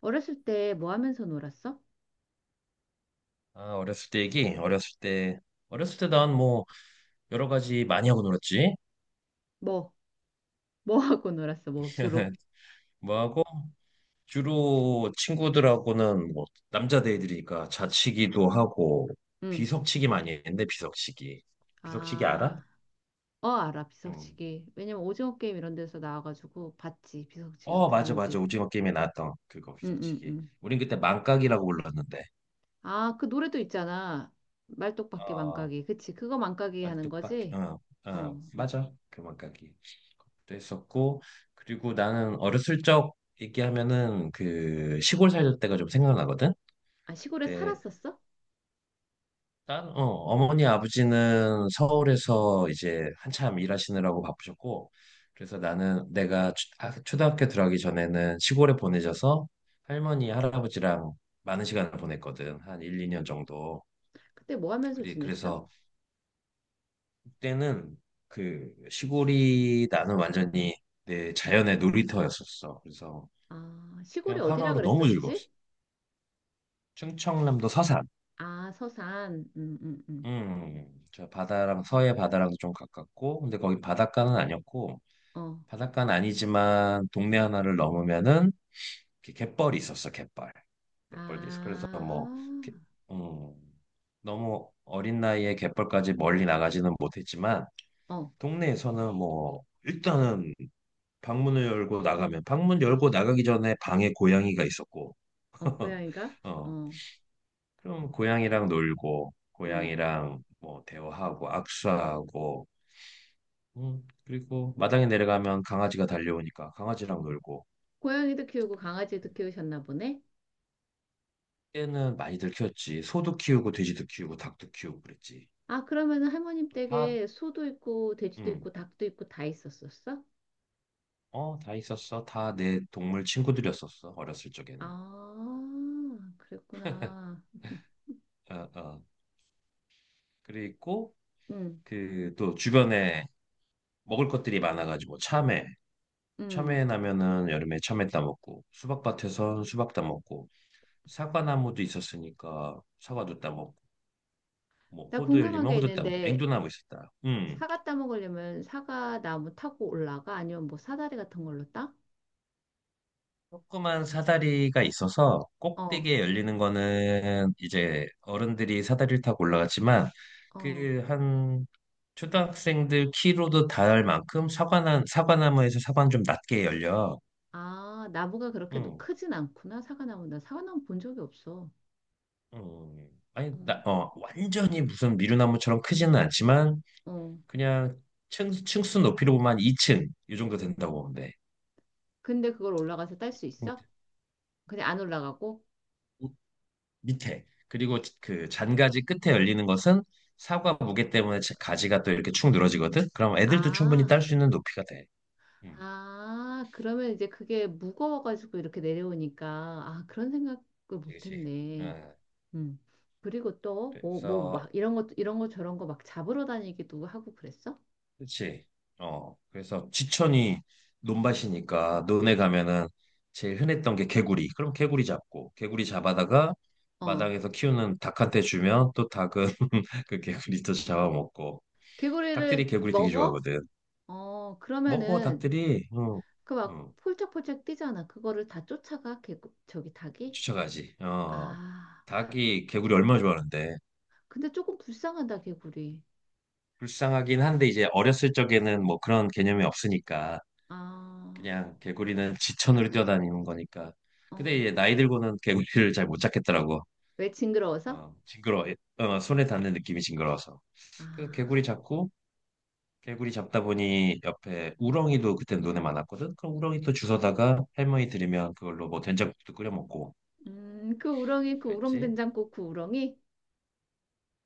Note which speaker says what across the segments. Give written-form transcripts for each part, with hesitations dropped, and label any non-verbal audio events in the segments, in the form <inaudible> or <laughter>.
Speaker 1: 어렸을 때 뭐 하면서 놀았어?
Speaker 2: 아, 어렸을 때 얘기? 어렸을 때, 난 뭐 여러 가지 많이 하고 놀았지.
Speaker 1: 뭐, 뭐 하고 놀았어? 뭐, 주로?
Speaker 2: <laughs> 뭐 하고, 주로 친구들하고는 뭐 남자들이니까 자치기도 하고,
Speaker 1: 응.
Speaker 2: 비석치기 많이 했는데, 비석치기. 비석치기 알아?
Speaker 1: 아, 어, 알아.
Speaker 2: 응.
Speaker 1: 비석치기. 왜냐면 오징어 게임 이런 데서 나와가지고 봤지. 비석치기
Speaker 2: 어,
Speaker 1: 어떻게
Speaker 2: 맞아, 맞아.
Speaker 1: 하는지.
Speaker 2: 오징어 게임에 나왔던 그거,
Speaker 1: 응, 응,
Speaker 2: 비석치기.
Speaker 1: 응.
Speaker 2: 우린 그때 망각이라고 불렀는데.
Speaker 1: 아, 그 노래도 있잖아. 말뚝박기
Speaker 2: 아.
Speaker 1: 망가기. 그치. 그거 망가기 하는
Speaker 2: 말뚝박기
Speaker 1: 거지? 어. 어.
Speaker 2: 맞아, 교만가기 그것도 했었고, 그리고 나는 어렸을 적 얘기하면은 그 시골 살던 때가 좀 생각나거든.
Speaker 1: 아, 시골에
Speaker 2: 그때
Speaker 1: 살았었어?
Speaker 2: 난 어머니 아버지는 서울에서 이제 한참 일하시느라고 바쁘셨고, 그래서 나는 내가 아, 초등학교 들어가기 전에는 시골에 보내져서 할머니 할아버지랑 많은 시간을 보냈거든. 한 1, 2년
Speaker 1: 응.
Speaker 2: 정도.
Speaker 1: 그때 뭐 하면서
Speaker 2: 그리
Speaker 1: 지냈어?
Speaker 2: 그래서 그때는 그 시골이 나는 완전히 내 자연의 놀이터였었어. 그래서
Speaker 1: 아, 시골이
Speaker 2: 그냥
Speaker 1: 어디라
Speaker 2: 하루하루 너무
Speaker 1: 그랬었지?
Speaker 2: 즐거웠어. 충청남도 서산.
Speaker 1: 아, 서산. 응, 응, 응.
Speaker 2: 저 바다랑 서해 바다랑도 좀 가깝고, 근데 거기 바닷가는 아니었고,
Speaker 1: 어.
Speaker 2: 바닷가는 아니지만 동네 하나를 넘으면은 이렇게 갯벌이 있었어, 갯벌. 갯벌도 있어. 그래서 뭐, 개-
Speaker 1: 아,
Speaker 2: 음, 너무 어린 나이에 갯벌까지 멀리 나가지는 못했지만,
Speaker 1: 어.
Speaker 2: 동네에서는 뭐, 일단은 방문을 열고 나가면, 방문 열고 나가기 전에 방에 고양이가 있었고
Speaker 1: 어,
Speaker 2: <laughs>
Speaker 1: 고양이가?
Speaker 2: 어,
Speaker 1: 어,
Speaker 2: 그럼 고양이랑 놀고,
Speaker 1: 어.
Speaker 2: 고양이랑 뭐 대화하고 악수하고, 그리고 마당에 내려가면 강아지가 달려오니까 강아지랑 놀고.
Speaker 1: 고양이도 키우고 강아지도 키우셨나 보네?
Speaker 2: 때는 많이들 키웠지. 소도 키우고, 돼지도 키우고, 닭도 키우고 그랬지.
Speaker 1: 아, 그러면은 할머님
Speaker 2: 다.
Speaker 1: 댁에 소도 있고, 돼지도
Speaker 2: 음.
Speaker 1: 있고, 닭도 있고, 다 있었었어?
Speaker 2: 어, 다 있었어. 다 내 동물 친구들이었었어, 어렸을 적에는.
Speaker 1: 아, 그랬구나.
Speaker 2: 어, 어. 그리고
Speaker 1: 응,
Speaker 2: 그 또 주변에 먹을 것들이 많아가지고, 참외,
Speaker 1: 응.
Speaker 2: 참외 나면은 여름에 참외 따 먹고, 수박밭에선 수박 따 먹고, 사과나무도 있었으니까 사과도 따 먹고, 뭐
Speaker 1: 나
Speaker 2: 호두
Speaker 1: 궁금한
Speaker 2: 열리면
Speaker 1: 게
Speaker 2: 호두 따 먹고,
Speaker 1: 있는데,
Speaker 2: 앵두나무 있었다. 음.
Speaker 1: 사과 따 먹으려면 사과 나무 타고 올라가? 아니면 뭐 사다리 같은 걸로 따?
Speaker 2: 조그만 사다리가 있어서
Speaker 1: 어,
Speaker 2: 꼭대기에 열리는 거는 이제 어른들이 사다리를 타고 올라갔지만,
Speaker 1: 어.
Speaker 2: 그 한 초등학생들 키로도 닿을 만큼 사과나 사과나무에서 사과는 좀 낮게 열려.
Speaker 1: 아,
Speaker 2: 음.
Speaker 1: 크진 않구나, 사과나무. 나 사과나무 본 적이 없어.
Speaker 2: 음. 아니
Speaker 1: 어,
Speaker 2: 나, 어 완전히 무슨 미루나무처럼 크지는 않지만
Speaker 1: 어.
Speaker 2: 그냥 층, 층수 높이로 보면 한 2층 이 정도 된다고 보면 돼.
Speaker 1: 근데 그걸 올라가서 딸 수
Speaker 2: 뭐,
Speaker 1: 있어? 그냥 안 올라가고?
Speaker 2: 우- 밑에, 그리고 그 잔가지 끝에 열리는 것은 사과 무게 때문에 가지가 또 이렇게 축 늘어지거든. 그럼 애들도 충분히 딸
Speaker 1: 아,
Speaker 2: 수 있는 높이가 돼. 음,
Speaker 1: 아, 그러면 이제 그게 무거워가지고 이렇게 내려오니까, 아, 그런 생각을
Speaker 2: 그렇지.
Speaker 1: 못했네.
Speaker 2: 음,
Speaker 1: 음. 그리고 또,
Speaker 2: 그래서
Speaker 1: 막, 이런 거 저런 거 막 잡으러 다니기도 하고 그랬어?
Speaker 2: 그렇지. 어, 그래서 지천이 논밭이니까 논에 가면은 제일 흔했던 게 개구리. 그럼 개구리 잡고, 개구리 잡아다가
Speaker 1: 어.
Speaker 2: 마당에서 키우는 닭한테 주면 또 닭은 <laughs> 그 개구리 또 잡아먹고. 닭들이
Speaker 1: 개구리를
Speaker 2: 개구리 되게
Speaker 1: 먹어?
Speaker 2: 좋아하거든.
Speaker 1: 어,
Speaker 2: 먹어,
Speaker 1: 그러면은,
Speaker 2: 닭들이. 어,
Speaker 1: 그 막,
Speaker 2: 어,
Speaker 1: 폴짝폴짝 뛰잖아. 그거를 다 쫓아가, 저기 닭이?
Speaker 2: 쫓아가지. 어,
Speaker 1: 아,
Speaker 2: 닭이 개구리 얼마나 좋아하는데.
Speaker 1: 근데 조금 불쌍하다, 개구리.
Speaker 2: 불쌍하긴 한데, 이제 어렸을 적에는 뭐 그런 개념이 없으니까.
Speaker 1: 아,
Speaker 2: 그냥 개구리는 지천으로 뛰어다니는 거니까. 근데 이제
Speaker 1: 어.
Speaker 2: 나이 들고는 개구리를 잘 못 잡겠더라고.
Speaker 1: 왜 징그러워서?
Speaker 2: 어, 징그러워. 어, 손에 닿는 느낌이 징그러워서.
Speaker 1: 아.
Speaker 2: 그래서 개구리 잡고, 개구리 잡다 보니 옆에 우렁이도 그때 눈에 많았거든. 그럼 우렁이 또 주워다가 할머니 들이면 그걸로 뭐 된장국도 끓여 먹고
Speaker 1: 그 우렁
Speaker 2: 그랬지.
Speaker 1: 된장국 그 우렁이?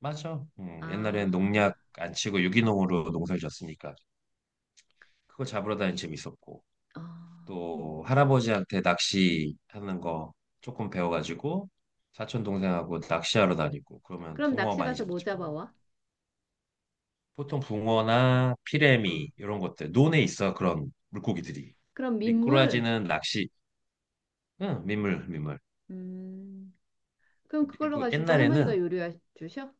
Speaker 2: 맞아.
Speaker 1: 아,
Speaker 2: 옛날엔 농약 안 치고 유기농으로 농사를 졌으니까 그거 잡으러 다니는 재밌었고,
Speaker 1: 어, 음.
Speaker 2: 또 할아버지한테 낚시하는 거 조금 배워가지고 사촌 동생하고 낚시하러 다니고 그러면
Speaker 1: 그럼
Speaker 2: 붕어
Speaker 1: 낚시
Speaker 2: 많이
Speaker 1: 가서 뭐
Speaker 2: 잡았지, 붕어.
Speaker 1: 잡아와?
Speaker 2: 보통 붕어나
Speaker 1: 어.
Speaker 2: 피래미 이런 것들 논에 있어, 그런 물고기들이.
Speaker 1: 그럼 민물?
Speaker 2: 미꾸라지는 낚시, 응 민물 민물.
Speaker 1: 음, 그럼 그걸로
Speaker 2: 그리고
Speaker 1: 가지고
Speaker 2: 옛날에는
Speaker 1: 할머니가 요리해 주셔?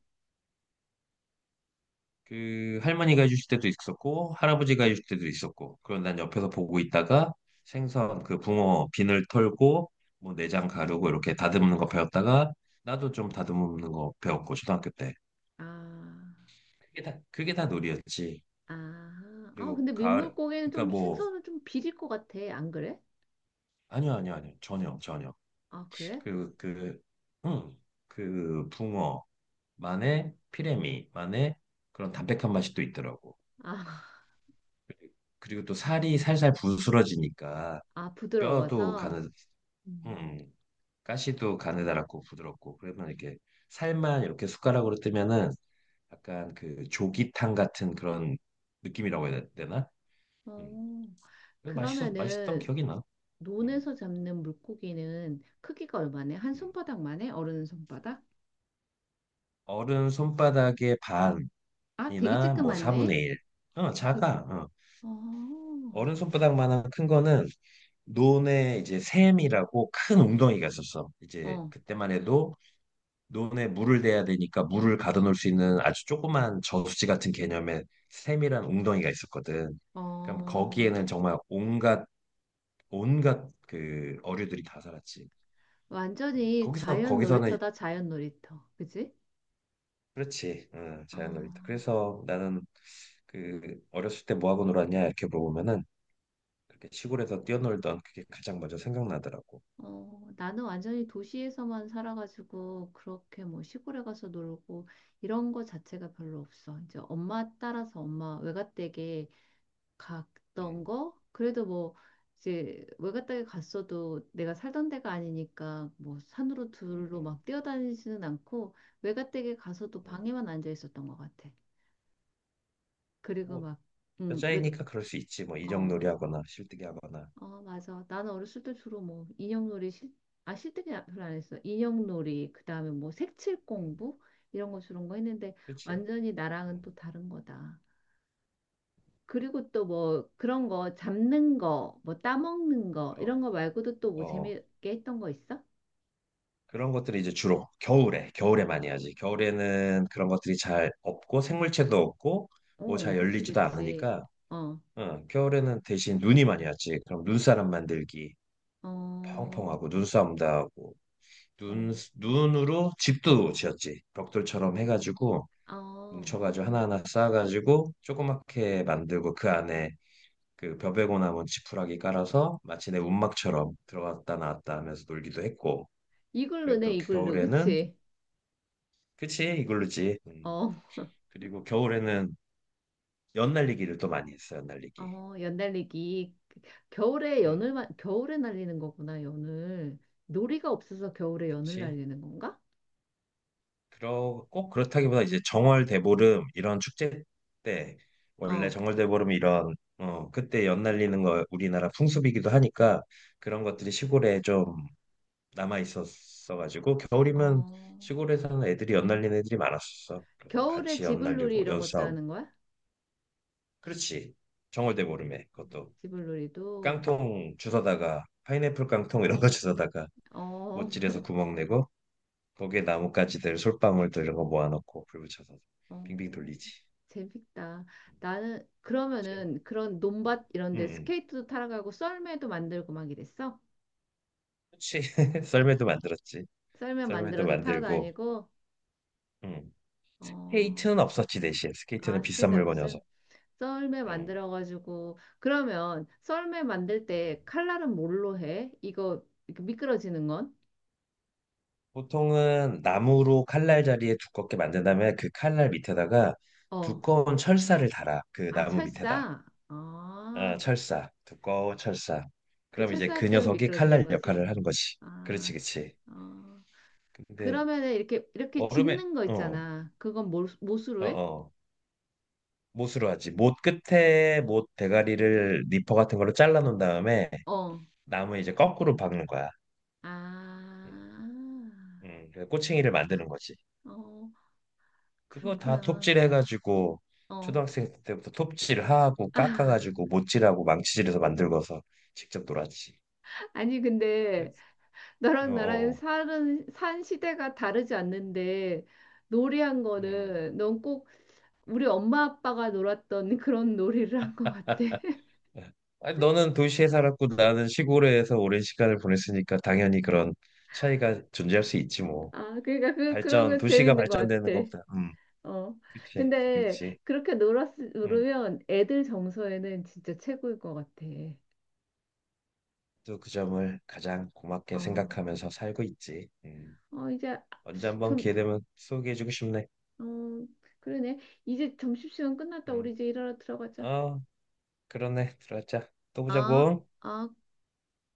Speaker 2: 그 할머니가 해주실 때도 있었고 할아버지가 해주실 때도 있었고, 그럼 난 옆에서 보고 있다가 생선, 그 붕어 비늘 털고 뭐 내장 가르고 이렇게 다듬는 거 배웠다가 나도 좀 다듬는 거 배웠고 초등학교 때.
Speaker 1: 아,
Speaker 2: 그게 다, 그게 다 놀이였지.
Speaker 1: 아,
Speaker 2: 그리고
Speaker 1: 근데
Speaker 2: 가을,
Speaker 1: 민물고기는
Speaker 2: 그러니까
Speaker 1: 좀
Speaker 2: 뭐
Speaker 1: 생선은 좀 비릴 것 같아. 안 그래?
Speaker 2: 아니요, 아니요, 아니요, 전혀 전혀.
Speaker 1: 아, 그래?
Speaker 2: 그그응그 붕어만의 피레미만의 그런 담백한 맛이 또 있더라고.
Speaker 1: 아, <laughs>
Speaker 2: 그리고 또 살이 살살 부스러지니까
Speaker 1: 아,
Speaker 2: 뼈도
Speaker 1: 부드러워서?
Speaker 2: 가는,
Speaker 1: 음.
Speaker 2: 음, 가시도 가느다랗고 부드럽고, 그러면 이렇게 살만 이렇게 숟가락으로 뜨면은 약간 그 조기탕 같은 그런 느낌이라고 해야 되나? 음.
Speaker 1: 어,
Speaker 2: 그래서 맛있어, 맛있던
Speaker 1: 그러면은,
Speaker 2: 기억이 나. 음,
Speaker 1: 논에서 잡는 물고기는 크기가 얼마네? 한
Speaker 2: 음.
Speaker 1: 손바닥만 해? 어른 손바닥?
Speaker 2: 어른 손바닥의
Speaker 1: 아, 되게
Speaker 2: 반이나 뭐 4분의
Speaker 1: 찌끄맣네.
Speaker 2: 1. 어,
Speaker 1: 되-
Speaker 2: 작아. 어.
Speaker 1: 어,
Speaker 2: 어른 손바닥만한 큰 거는 논에 이제 샘이라고 큰 웅덩이가 있었어. 이제
Speaker 1: 어,
Speaker 2: 그때만 해도 논에 물을 대야 되니까 물을 가둬놓을 수 있는 아주 조그만 저수지 같은 개념의 샘이한 웅덩이가 있었거든. 그럼
Speaker 1: 어.
Speaker 2: 거기에는 정말 온갖 온갖 그 어류들이 다 살았지.
Speaker 1: 완전히
Speaker 2: 거기서
Speaker 1: 자연
Speaker 2: 거기서는
Speaker 1: 놀이터다, 자연 놀이터. 그지?
Speaker 2: 그렇지. 응,
Speaker 1: 아,
Speaker 2: 자연놀이터. 그래서 나는 그 어렸을 때 뭐 하고 놀았냐 이렇게 물어보면은 그렇게 시골에서 뛰어놀던 그게 가장 먼저 생각나더라고.
Speaker 1: 어, 나는 완전히 도시에서만 살아가지고, 그렇게 뭐 시골에 가서 놀고, 이런 거 자체가 별로 없어. 이제 엄마 따라서 엄마 외갓댁에 갔던
Speaker 2: 음,
Speaker 1: 거? 그래도 뭐 이제 외갓 댁에 갔어도 내가 살던 데가 아니니까 뭐 산으로
Speaker 2: 음,
Speaker 1: 둘로
Speaker 2: 음,
Speaker 1: 막 뛰어다니지는 않고 외갓 댁에 가서도
Speaker 2: 음.
Speaker 1: 방에만 앉아 있었던 것 같아. 그리고
Speaker 2: 뭐
Speaker 1: 막 외
Speaker 2: 여자이니까 그럴 수 있지. 뭐
Speaker 1: 어,
Speaker 2: 인형놀이 하거나 실뜨기 하거나.
Speaker 1: 어, 맞아. 나는 어렸을 때 주로 뭐 인형놀이 실, 아, 실뜨기 별로 안 했어. 인형놀이, 그다음에 뭐 색칠
Speaker 2: 음,
Speaker 1: 공부 이런 거 주로 거 했는데
Speaker 2: 그렇지.
Speaker 1: 완전히 나랑은
Speaker 2: 음.
Speaker 1: 또 다른 거다. 그리고 또 뭐 그런 거 잡는 거, 뭐 따먹는 거 이런
Speaker 2: 어.
Speaker 1: 거 말고도 또 뭐
Speaker 2: 어,
Speaker 1: 재미있게 했던 거 있어?
Speaker 2: 그런 것들이 이제 주로 겨울에, 겨울에 많이 하지. 겨울에는 그런 것들이 잘 없고 생물체도 없고 뭐
Speaker 1: 어,
Speaker 2: 잘
Speaker 1: 그치,
Speaker 2: 열리지도
Speaker 1: 그치.
Speaker 2: 않으니까.
Speaker 1: 어,
Speaker 2: 어, 겨울에는 대신 눈이 많이 왔지. 그럼 눈사람 만들기,
Speaker 1: 어,
Speaker 2: 펑펑하고 눈싸움도 하고,
Speaker 1: 어,
Speaker 2: 눈으로 집도 지었지. 벽돌처럼 해가지고
Speaker 1: 어.
Speaker 2: 뭉쳐가지고 하나하나 쌓아가지고 조그맣게 만들고, 그 안에 그 벼베고 남은 지푸라기 깔아서 마치 내 움막처럼 들어갔다 나왔다 하면서 놀기도 했고. 그리고
Speaker 1: 이글루네,
Speaker 2: 또
Speaker 1: 이글루,
Speaker 2: 겨울에는,
Speaker 1: 그치?
Speaker 2: 그치, 이걸로지. 음.
Speaker 1: 어,
Speaker 2: 그리고 겨울에는 연날리기를 또 많이 했어, 연날리기.
Speaker 1: 어, 연달리기.
Speaker 2: 음.
Speaker 1: 겨울에 날리는 거구나, 연을. 놀이가 없어서 겨울에 연을
Speaker 2: 그치.
Speaker 1: 날리는 건가?
Speaker 2: 그러, 꼭 그렇다기보다 이제 정월대보름 이런 축제 때, 원래
Speaker 1: 어,
Speaker 2: 정월대보름 이런, 어, 그때 연날리는 거 우리나라 풍습이기도 하니까 그런 것들이 시골에 좀 남아 있었어가지고, 겨울이면
Speaker 1: 어.
Speaker 2: 시골에 사는 애들이 연날리는 애들이 많았었어. 그래서
Speaker 1: 겨울에
Speaker 2: 같이
Speaker 1: 지불놀이
Speaker 2: 연날리고,
Speaker 1: 이런 것도
Speaker 2: 연싸움.
Speaker 1: 하는 거야?
Speaker 2: 그렇지. 정월대보름에 그것도
Speaker 1: 지불놀이도.
Speaker 2: 깡통 주워다가 파인애플 깡통 이런 거 주워다가
Speaker 1: 어,
Speaker 2: 못질에서
Speaker 1: <laughs>
Speaker 2: 구멍 내고 거기에 나뭇가지들, 솔방울들, 이런 거 모아놓고 불 붙여서 빙빙
Speaker 1: 어.
Speaker 2: 돌리지.
Speaker 1: 재밌다. 나는
Speaker 2: 그치?
Speaker 1: 그러면은 그런 논밭 이런
Speaker 2: 응,
Speaker 1: 데
Speaker 2: 응.
Speaker 1: 스케이트도 타러 가고 썰매도 만들고 막 이랬어?
Speaker 2: 그치. <laughs> 썰매도 만들었지.
Speaker 1: 썰매
Speaker 2: 썰매도
Speaker 1: 만들어서 타러
Speaker 2: 만들고.
Speaker 1: 다니고
Speaker 2: 응.
Speaker 1: 어,
Speaker 2: 스케이트는 없었지, 대신. 스케이트는
Speaker 1: 아,
Speaker 2: 비싼
Speaker 1: 스케이트 말고 썰
Speaker 2: 물건이어서.
Speaker 1: 썰매
Speaker 2: 응.
Speaker 1: 만들어 가지고 그러면 썰매 만들
Speaker 2: 응.
Speaker 1: 때 칼날은 뭘로 해? 이거 이렇게 미끄러지는 건?
Speaker 2: 보통은 나무로 칼날 자리에 두껍게 만든 다음에 그 칼날 밑에다가
Speaker 1: 어.
Speaker 2: 두꺼운 철사를 달아. 그
Speaker 1: 아,
Speaker 2: 나무 밑에다.
Speaker 1: 철사. 아,
Speaker 2: 어, 철사. 두꺼운 철사.
Speaker 1: 그그
Speaker 2: 그럼 이제 그
Speaker 1: 철사 때문에
Speaker 2: 녀석이
Speaker 1: 미끄러지는
Speaker 2: 칼날
Speaker 1: 거지.
Speaker 2: 역할을 하는 거지.
Speaker 1: 아,
Speaker 2: 그렇지, 그렇지.
Speaker 1: 어.
Speaker 2: 근데
Speaker 1: 그러면은 이렇게
Speaker 2: 얼음에
Speaker 1: 짚는 거
Speaker 2: 어,
Speaker 1: 있잖아. 그건 뭘,
Speaker 2: 어,
Speaker 1: 못으로 해?
Speaker 2: 어. 못으로 하지. 못 끝에 못 대가리를 니퍼 같은 걸로 잘라 놓은 다음에
Speaker 1: 어.
Speaker 2: 나무 이제 거꾸로 박는 거야. 음,
Speaker 1: 아,
Speaker 2: 그래서 꼬챙이를 만드는 거지.
Speaker 1: 어,
Speaker 2: 그거 다
Speaker 1: 그렇구나.
Speaker 2: 톱질 해가지고
Speaker 1: 어.
Speaker 2: 초등학생 때부터 톱질하고
Speaker 1: <laughs> 아,
Speaker 2: 깎아가지고 못질하고 망치질해서 만들고서 직접 놀았지.
Speaker 1: 아니, 근데
Speaker 2: 그래서
Speaker 1: 너랑 나랑
Speaker 2: 어, 어.
Speaker 1: 사는, 산 시대가 다르지 않는데 놀이한
Speaker 2: 음.
Speaker 1: 거는 넌 꼭 우리 엄마 아빠가 놀았던 <laughs> 그런 놀이를 한 것 같아. <laughs>
Speaker 2: 아니, 너는 도시에 살았고 나는 시골에서 오랜 시간을 보냈으니까 당연히 그런 차이가 존재할 수 있지 뭐.
Speaker 1: 아, 그러니까 그런
Speaker 2: 발전,
Speaker 1: 거
Speaker 2: 도시가
Speaker 1: 재밌는 것
Speaker 2: 발전되는
Speaker 1: 같아.
Speaker 2: 것보다,
Speaker 1: 어.
Speaker 2: 그치,
Speaker 1: 근데
Speaker 2: 그치, 음,
Speaker 1: 놀으면 애들 정서에는 진짜 최고일 것 같아.
Speaker 2: 또 그 점을 가장
Speaker 1: 어,
Speaker 2: 고맙게
Speaker 1: 어,
Speaker 2: 생각하면서 살고 있지.
Speaker 1: 어, 이제 아,
Speaker 2: 언제 한번
Speaker 1: 좀
Speaker 2: 기회 되면 소개해주고 싶네.
Speaker 1: 어, 그러네. 이제 점심시간 끝났다.
Speaker 2: 음,
Speaker 1: 우리 이제 일하러 들어가자.
Speaker 2: 어, 그러네, 들어가자. 또
Speaker 1: 아,
Speaker 2: 보자고.
Speaker 1: 아.